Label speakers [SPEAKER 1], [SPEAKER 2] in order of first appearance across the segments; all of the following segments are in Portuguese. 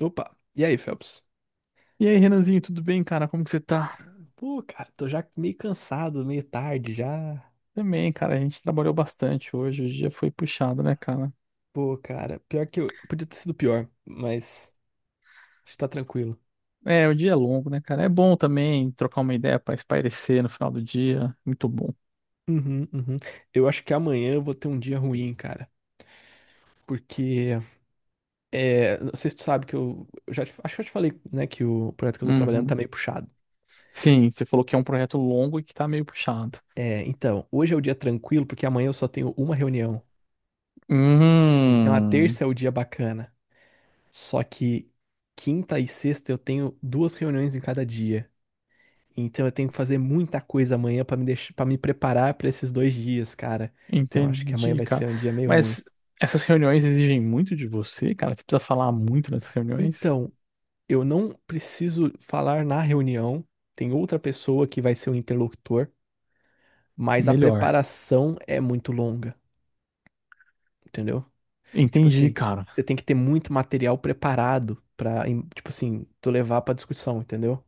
[SPEAKER 1] Opa, e aí, Phelps?
[SPEAKER 2] E aí, Renanzinho, tudo bem, cara? Como que você tá?
[SPEAKER 1] Pô, cara, tô já meio cansado, meio tarde já.
[SPEAKER 2] Também, cara, a gente trabalhou bastante hoje, o dia foi puxado, né, cara?
[SPEAKER 1] Pô, cara, pior que eu. Podia ter sido pior, mas está tranquilo.
[SPEAKER 2] É, o dia é longo, né, cara? É bom também trocar uma ideia pra espairecer no final do dia, muito bom.
[SPEAKER 1] Uhum, uhum. Eu acho que amanhã eu vou ter um dia ruim, cara. Porque, não sei se tu sabe que acho que eu te falei, né, que o projeto que eu tô trabalhando tá
[SPEAKER 2] Uhum.
[SPEAKER 1] meio puxado.
[SPEAKER 2] Sim, você falou que é um projeto longo e que tá meio puxado.
[SPEAKER 1] É, então, hoje é o dia tranquilo, porque amanhã eu só tenho uma reunião. Então a
[SPEAKER 2] Hum,
[SPEAKER 1] terça é o dia bacana. Só que quinta e sexta eu tenho duas reuniões em cada dia. Então eu tenho que fazer muita coisa amanhã pra me deixar, para me preparar pra esses dois dias, cara. Então eu acho que amanhã
[SPEAKER 2] Entendi,
[SPEAKER 1] vai
[SPEAKER 2] cara.
[SPEAKER 1] ser um dia meio ruim.
[SPEAKER 2] Mas essas reuniões exigem muito de você, cara? Você precisa falar muito nessas reuniões?
[SPEAKER 1] Então, eu não preciso falar na reunião, tem outra pessoa que vai ser o interlocutor, mas a
[SPEAKER 2] Melhor.
[SPEAKER 1] preparação é muito longa, entendeu? Tipo
[SPEAKER 2] Entendi,
[SPEAKER 1] assim,
[SPEAKER 2] cara.
[SPEAKER 1] você tem que ter muito material preparado pra, tipo assim, tu levar pra discussão, entendeu?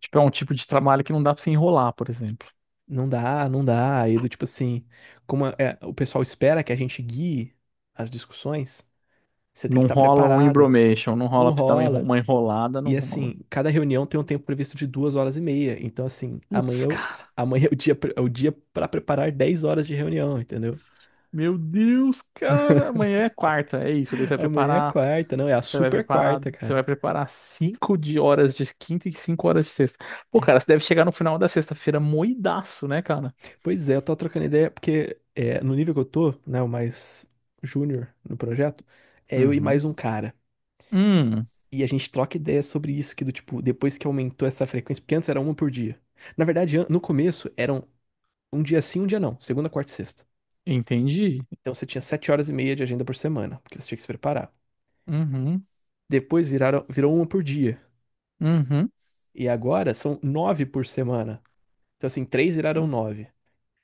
[SPEAKER 2] Tipo, é um tipo de trabalho que não dá pra você enrolar, por exemplo.
[SPEAKER 1] Não dá, não dá. Aí do tipo assim, o pessoal espera que a gente guie as discussões, você tem que
[SPEAKER 2] Não
[SPEAKER 1] estar
[SPEAKER 2] rola um
[SPEAKER 1] preparado.
[SPEAKER 2] embromation, não
[SPEAKER 1] Não
[SPEAKER 2] rola pra você dar uma
[SPEAKER 1] rola.
[SPEAKER 2] uma enrolada, não
[SPEAKER 1] E
[SPEAKER 2] rola.
[SPEAKER 1] assim, cada reunião tem um tempo previsto de 2h30. Então, assim, amanhã,
[SPEAKER 2] Putz, cara.
[SPEAKER 1] amanhã é o dia, é o dia para preparar 10 horas de reunião, entendeu?
[SPEAKER 2] Meu Deus, cara. Amanhã é quarta, é isso. Daí você vai
[SPEAKER 1] Amanhã é
[SPEAKER 2] preparar.
[SPEAKER 1] quarta, não, é a super quarta,
[SPEAKER 2] Você
[SPEAKER 1] cara.
[SPEAKER 2] vai preparar 5 de horas de quinta e 5 horas de sexta. Pô,
[SPEAKER 1] É.
[SPEAKER 2] cara, você deve chegar no final da sexta-feira moidaço, né, cara?
[SPEAKER 1] Pois é, eu tô trocando ideia, porque no nível que eu tô, né, o mais júnior no projeto, é eu e
[SPEAKER 2] Uhum.
[SPEAKER 1] mais um cara.
[SPEAKER 2] Hum,
[SPEAKER 1] E a gente troca ideia sobre isso, que do tipo, depois que aumentou essa frequência, porque antes era uma por dia. Na verdade, no começo eram um dia sim, um dia não, segunda, quarta e sexta.
[SPEAKER 2] Entendi.
[SPEAKER 1] Então você tinha 7h30 de agenda por semana, porque você tinha que se preparar.
[SPEAKER 2] Uhum.
[SPEAKER 1] Depois viraram, virou uma por dia.
[SPEAKER 2] Uhum.
[SPEAKER 1] E agora são nove por semana. Então, assim, três viraram nove.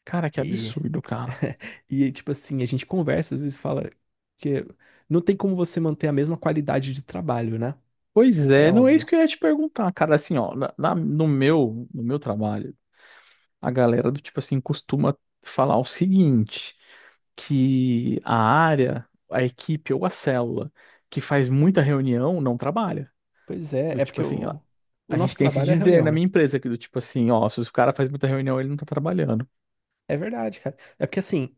[SPEAKER 2] Cara, que
[SPEAKER 1] E,
[SPEAKER 2] absurdo, cara.
[SPEAKER 1] e tipo assim, a gente conversa, às vezes fala que não tem como você manter a mesma qualidade de trabalho, né?
[SPEAKER 2] Pois
[SPEAKER 1] É
[SPEAKER 2] é, não é
[SPEAKER 1] óbvio.
[SPEAKER 2] isso que eu ia te perguntar, cara. Assim, ó, no meu trabalho. A galera do tipo assim costuma falar o seguinte, que a área, a equipe ou a célula que faz muita reunião não trabalha.
[SPEAKER 1] Pois é,
[SPEAKER 2] Do
[SPEAKER 1] é
[SPEAKER 2] tipo
[SPEAKER 1] porque
[SPEAKER 2] assim, a
[SPEAKER 1] o
[SPEAKER 2] a gente
[SPEAKER 1] nosso
[SPEAKER 2] tem esse
[SPEAKER 1] trabalho é a
[SPEAKER 2] dizer
[SPEAKER 1] reunião,
[SPEAKER 2] na
[SPEAKER 1] né?
[SPEAKER 2] minha empresa que do tipo assim, ó, se o cara faz muita reunião, ele não tá trabalhando.
[SPEAKER 1] É verdade, cara. É porque assim,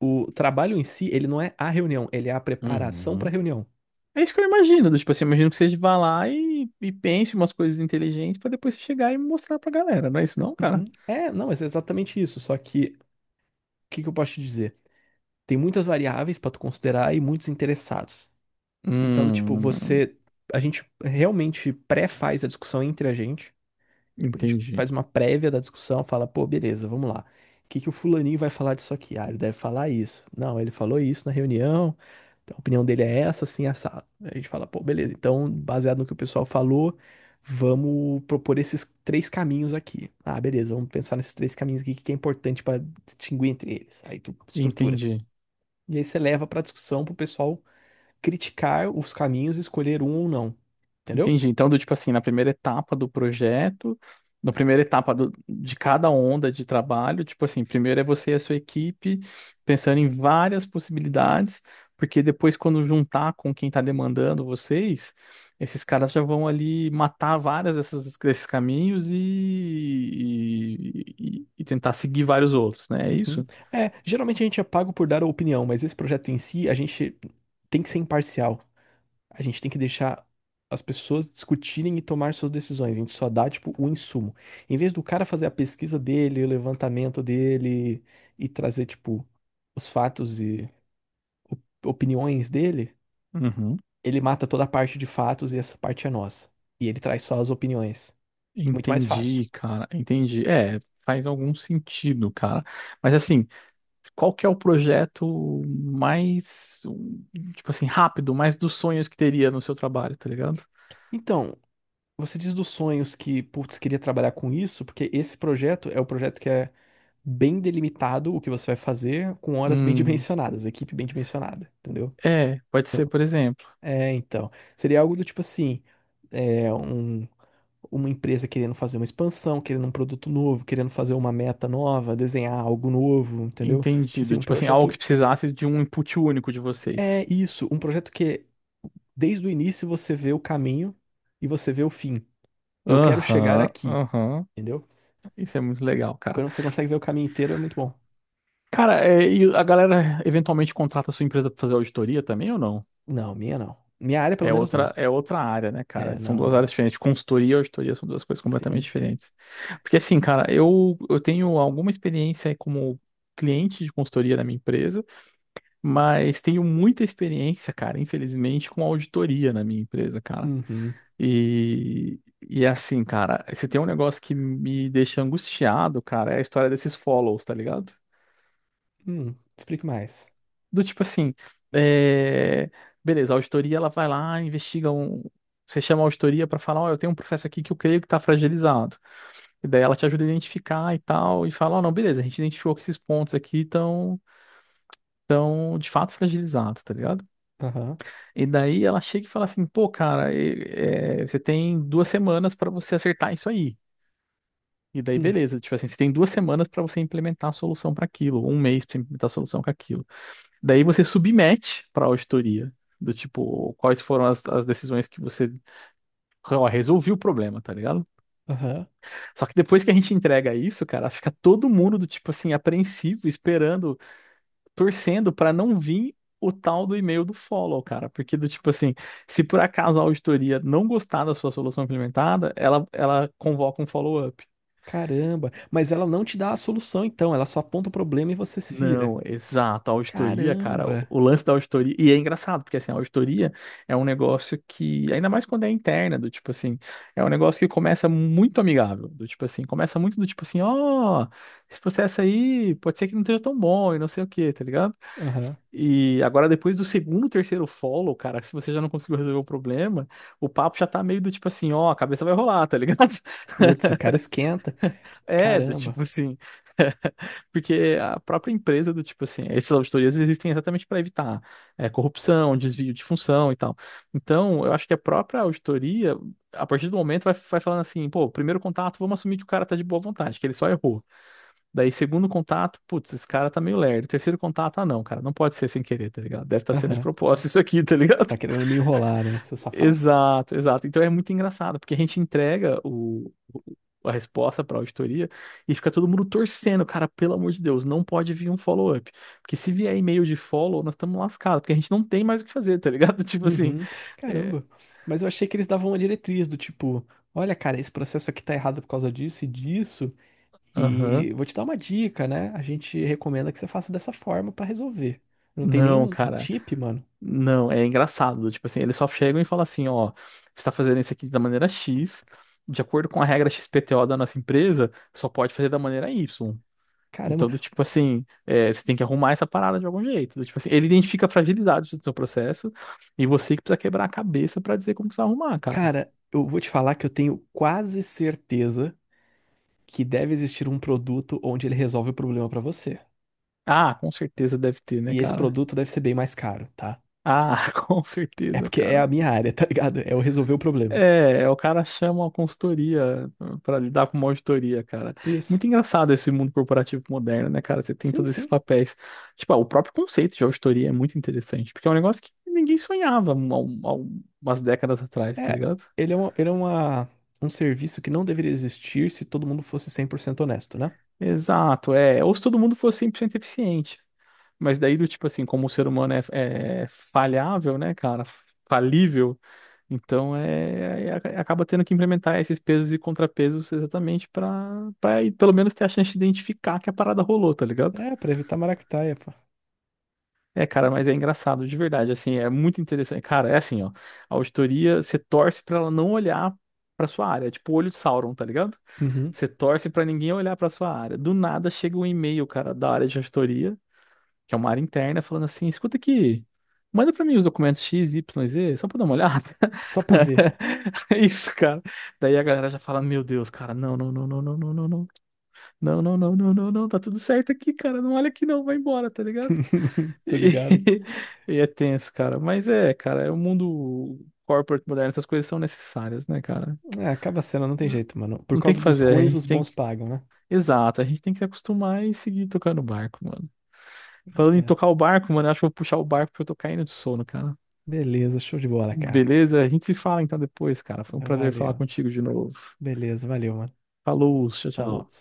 [SPEAKER 1] o trabalho em si, ele não é a reunião, ele é a preparação para
[SPEAKER 2] Uhum.
[SPEAKER 1] reunião.
[SPEAKER 2] É isso que eu imagino, do tipo assim, eu imagino que você vá lá e pense umas coisas inteligentes pra depois você chegar e mostrar pra galera, não é isso não,
[SPEAKER 1] Uhum.
[SPEAKER 2] cara?
[SPEAKER 1] É, não, mas é exatamente isso. Só que, o que que eu posso te dizer? Tem muitas variáveis para tu considerar e muitos interessados. Então, do tipo,
[SPEAKER 2] Hum.
[SPEAKER 1] você, a gente realmente pré-faz a discussão entre a gente. Tipo, a gente
[SPEAKER 2] Entendi,
[SPEAKER 1] faz uma prévia da discussão, fala, pô, beleza, vamos lá. O que que o fulaninho vai falar disso aqui? Ah, ele deve falar isso. Não, ele falou isso na reunião. Então, a opinião dele é essa, assim, assado. A gente fala, pô, beleza. Então, baseado no que o pessoal falou, vamos propor esses três caminhos aqui. Ah, beleza, vamos pensar nesses três caminhos aqui, o que que é importante para distinguir entre eles. Aí tu estrutura.
[SPEAKER 2] entendi.
[SPEAKER 1] E aí você leva para discussão para o pessoal criticar os caminhos e escolher um ou não. Entendeu?
[SPEAKER 2] Entendi. Então, do tipo assim, na primeira etapa do projeto, na primeira etapa de cada onda de trabalho, tipo assim, primeiro é você e a sua equipe pensando em várias possibilidades, porque depois, quando juntar com quem está demandando vocês, esses caras já vão ali matar várias dessas, desses caminhos e tentar seguir vários outros, né? É
[SPEAKER 1] Uhum.
[SPEAKER 2] isso?
[SPEAKER 1] É, geralmente a gente é pago por dar a opinião, mas esse projeto em si, a gente tem que ser imparcial. A gente tem que deixar as pessoas discutirem e tomar suas decisões. A gente só dá, tipo, o insumo. Em vez do cara fazer a pesquisa dele, o levantamento dele e trazer, tipo, os fatos e opiniões dele,
[SPEAKER 2] Uhum.
[SPEAKER 1] ele mata toda a parte de fatos e essa parte é nossa. E ele traz só as opiniões. Muito mais fácil.
[SPEAKER 2] Entendi, cara. Entendi. É, faz algum sentido, cara. Mas assim. Qual que é o projeto mais, tipo assim, rápido, mais dos sonhos que teria no seu trabalho, tá ligado?
[SPEAKER 1] Então, você diz dos sonhos que, putz, queria trabalhar com isso, porque esse projeto é o projeto que é bem delimitado o que você vai fazer, com horas bem
[SPEAKER 2] Hum,
[SPEAKER 1] dimensionadas, equipe bem dimensionada, entendeu?
[SPEAKER 2] É, pode
[SPEAKER 1] Não.
[SPEAKER 2] ser, por exemplo,
[SPEAKER 1] É, então. Seria algo do tipo assim, é, um- uma empresa querendo fazer uma expansão, querendo um produto novo, querendo fazer uma meta nova, desenhar algo novo, entendeu? Tipo assim,
[SPEAKER 2] entendido,
[SPEAKER 1] um
[SPEAKER 2] tipo assim, algo
[SPEAKER 1] projeto.
[SPEAKER 2] que precisasse de um input único de vocês.
[SPEAKER 1] É isso, um projeto que desde o início você vê o caminho e você vê o fim. Eu quero chegar
[SPEAKER 2] Aham,
[SPEAKER 1] aqui,
[SPEAKER 2] aham,
[SPEAKER 1] entendeu?
[SPEAKER 2] isso é muito legal, cara.
[SPEAKER 1] Quando você consegue ver o caminho inteiro, é muito bom.
[SPEAKER 2] Cara, é, e a galera eventualmente contrata a sua empresa pra fazer auditoria também ou não?
[SPEAKER 1] Não, minha não. Minha área, pelo
[SPEAKER 2] É
[SPEAKER 1] menos, não.
[SPEAKER 2] outra, é outra área, né,
[SPEAKER 1] É,
[SPEAKER 2] cara? São
[SPEAKER 1] não,
[SPEAKER 2] duas
[SPEAKER 1] não,
[SPEAKER 2] áreas
[SPEAKER 1] não.
[SPEAKER 2] diferentes. Consultoria e auditoria são duas coisas completamente
[SPEAKER 1] Sim, sim.
[SPEAKER 2] diferentes. Porque, assim, cara, eu tenho alguma experiência como cliente de consultoria na minha empresa, mas tenho muita experiência, cara, infelizmente, com auditoria na minha empresa, cara.
[SPEAKER 1] Uhum.
[SPEAKER 2] E assim, cara, se tem um negócio que me deixa angustiado, cara, é a história desses follows, tá ligado?
[SPEAKER 1] Explique mais.
[SPEAKER 2] Do tipo assim, é, beleza, a auditoria ela vai lá, investiga um. Você chama a auditoria pra falar, ó, eu tenho um processo aqui que eu creio que tá fragilizado. E daí ela te ajuda a identificar e tal, e fala, ó, não, beleza, a gente identificou que esses pontos aqui estão de fato fragilizados, tá ligado?
[SPEAKER 1] Aham.
[SPEAKER 2] E daí ela chega e fala assim, pô, cara, é, você tem 2 semanas pra você acertar isso aí. E daí,
[SPEAKER 1] Hum,
[SPEAKER 2] beleza, tipo assim, você tem 2 semanas pra você implementar a solução pra aquilo, 1 mês pra você implementar a solução para aquilo. Daí você submete para a auditoria do tipo quais foram as decisões que você ó, resolviu o problema, tá ligado?
[SPEAKER 1] aham.
[SPEAKER 2] Só que depois que a gente entrega isso, cara, fica todo mundo do tipo assim apreensivo, esperando, torcendo para não vir o tal do e-mail do follow, cara, porque do tipo assim, se por acaso a auditoria não gostar da sua solução implementada, ela convoca um follow-up.
[SPEAKER 1] Caramba. Mas ela não te dá a solução, então. Ela só aponta o problema e você se vira.
[SPEAKER 2] Não, exato. A auditoria, cara, o
[SPEAKER 1] Caramba.
[SPEAKER 2] o lance da auditoria. E é engraçado, porque assim, a auditoria é um negócio que, ainda mais quando é interna, do tipo assim, é um negócio que começa muito amigável. Do tipo assim, começa muito do tipo assim, ó, esse processo aí pode ser que não esteja tão bom e não sei o quê, tá ligado?
[SPEAKER 1] Aham.
[SPEAKER 2] E agora, depois do segundo, terceiro follow, cara, se você já não conseguiu resolver o problema, o papo já tá meio do tipo assim, ó, a cabeça vai rolar, tá ligado?
[SPEAKER 1] Putz, o cara esquenta.
[SPEAKER 2] É, do
[SPEAKER 1] Caramba.
[SPEAKER 2] tipo assim. Porque a própria empresa do tipo assim, essas auditorias existem exatamente para evitar corrupção, desvio de função e tal. Então, eu acho que a própria auditoria, a partir do momento, vai falando assim, pô, primeiro contato, vamos assumir que o cara tá de boa vontade, que ele só errou. Daí, segundo contato, putz, esse cara tá meio lerdo. Terceiro contato, ah, não, cara, não pode ser sem querer, tá ligado? Deve estar sendo de
[SPEAKER 1] Aham.
[SPEAKER 2] propósito isso aqui, tá ligado?
[SPEAKER 1] Tá querendo me enrolar, né, seu safado?
[SPEAKER 2] Exato, exato. Então é muito engraçado, porque a gente entrega o, a resposta para a auditoria e fica todo mundo torcendo, cara, pelo amor de Deus, não pode vir um follow-up. Porque se vier e-mail de follow, nós estamos lascados, porque a gente não tem mais o que fazer, tá ligado? Tipo assim,
[SPEAKER 1] Uhum.
[SPEAKER 2] é,
[SPEAKER 1] Caramba. Mas eu achei que eles davam uma diretriz do tipo, olha, cara, esse processo aqui tá errado por causa disso e disso.
[SPEAKER 2] aham,
[SPEAKER 1] E vou te dar uma dica, né? A gente recomenda que você faça dessa forma pra resolver. Não tem
[SPEAKER 2] não,
[SPEAKER 1] nenhum um
[SPEAKER 2] cara,
[SPEAKER 1] tip, mano.
[SPEAKER 2] não, é engraçado. Tipo assim, eles só chegam e falam assim, ó, você está fazendo isso aqui da maneira X, de acordo com a regra XPTO da nossa empresa, só pode fazer da maneira Y.
[SPEAKER 1] Caramba,
[SPEAKER 2] Então, do tipo assim, você tem que arrumar essa parada de algum jeito. Do tipo assim, ele identifica fragilizados do seu processo e você que precisa quebrar a cabeça pra dizer como que você vai arrumar, cara.
[SPEAKER 1] cara, eu vou te falar que eu tenho quase certeza que deve existir um produto onde ele resolve o problema pra você.
[SPEAKER 2] Ah, com certeza deve ter, né,
[SPEAKER 1] E esse
[SPEAKER 2] cara?
[SPEAKER 1] produto deve ser bem mais caro, tá?
[SPEAKER 2] Ah, com
[SPEAKER 1] É
[SPEAKER 2] certeza,
[SPEAKER 1] porque é
[SPEAKER 2] cara.
[SPEAKER 1] a minha área, tá ligado? É eu resolver o problema.
[SPEAKER 2] É, o cara chama a consultoria pra lidar com uma auditoria, cara.
[SPEAKER 1] Isso.
[SPEAKER 2] Muito engraçado esse mundo corporativo moderno, né, cara? Você tem
[SPEAKER 1] Sim,
[SPEAKER 2] todos esses
[SPEAKER 1] sim.
[SPEAKER 2] papéis. Tipo, ah, o próprio conceito de auditoria é muito interessante, porque é um negócio que ninguém sonhava há umas décadas atrás, tá
[SPEAKER 1] É,
[SPEAKER 2] ligado?
[SPEAKER 1] ele é, uma, ele é uma, um serviço que não deveria existir se todo mundo fosse 100% honesto, né?
[SPEAKER 2] Exato, é. Ou se todo mundo fosse 100% eficiente. Mas daí, do tipo assim, como o ser humano é, é, falhável, né, cara? Falível, então é, acaba tendo que implementar esses pesos e contrapesos exatamente para pelo menos ter a chance de identificar que a parada rolou, tá ligado?
[SPEAKER 1] É, pra evitar maracutaia, pô.
[SPEAKER 2] É, cara, mas é engraçado, de verdade, assim, é muito interessante. Cara, é assim, ó, a auditoria, você torce pra ela não olhar pra sua área, é tipo o olho de Sauron, tá ligado?
[SPEAKER 1] Uhum.
[SPEAKER 2] Você torce pra ninguém olhar pra sua área. Do nada chega um e-mail, cara, da área de auditoria, que é uma área interna, falando assim, escuta aqui, manda pra mim os documentos X, Y, Z, só pra dar uma olhada.
[SPEAKER 1] Só pra ver.
[SPEAKER 2] É isso, cara. Daí a galera já fala, meu Deus, cara, não, não, não, não, não, não, não, não, não, não, não, não, não, não, tá tudo certo aqui, cara, não olha aqui não, vai embora, tá ligado?
[SPEAKER 1] Tô ligado.
[SPEAKER 2] E, e é tenso, cara. Mas é, cara, é o mundo corporate moderno, essas coisas são necessárias, né, cara?
[SPEAKER 1] É, acaba sendo, não tem jeito, mano. Por
[SPEAKER 2] Não tem o
[SPEAKER 1] causa
[SPEAKER 2] que
[SPEAKER 1] dos
[SPEAKER 2] fazer, a
[SPEAKER 1] ruins,
[SPEAKER 2] gente
[SPEAKER 1] os
[SPEAKER 2] tem
[SPEAKER 1] bons
[SPEAKER 2] que.
[SPEAKER 1] pagam, né?
[SPEAKER 2] Exato, a gente tem que se acostumar e seguir tocando o barco, mano. Falando em
[SPEAKER 1] É.
[SPEAKER 2] tocar o barco, mano, eu acho que eu vou puxar o barco porque eu tô caindo de sono, cara.
[SPEAKER 1] Beleza, show de bola, cara.
[SPEAKER 2] Beleza? A gente se fala então depois, cara. Foi um prazer falar
[SPEAKER 1] Valeu.
[SPEAKER 2] contigo de novo.
[SPEAKER 1] Beleza, valeu, mano.
[SPEAKER 2] Falou, tchau,
[SPEAKER 1] Falou.
[SPEAKER 2] tchau.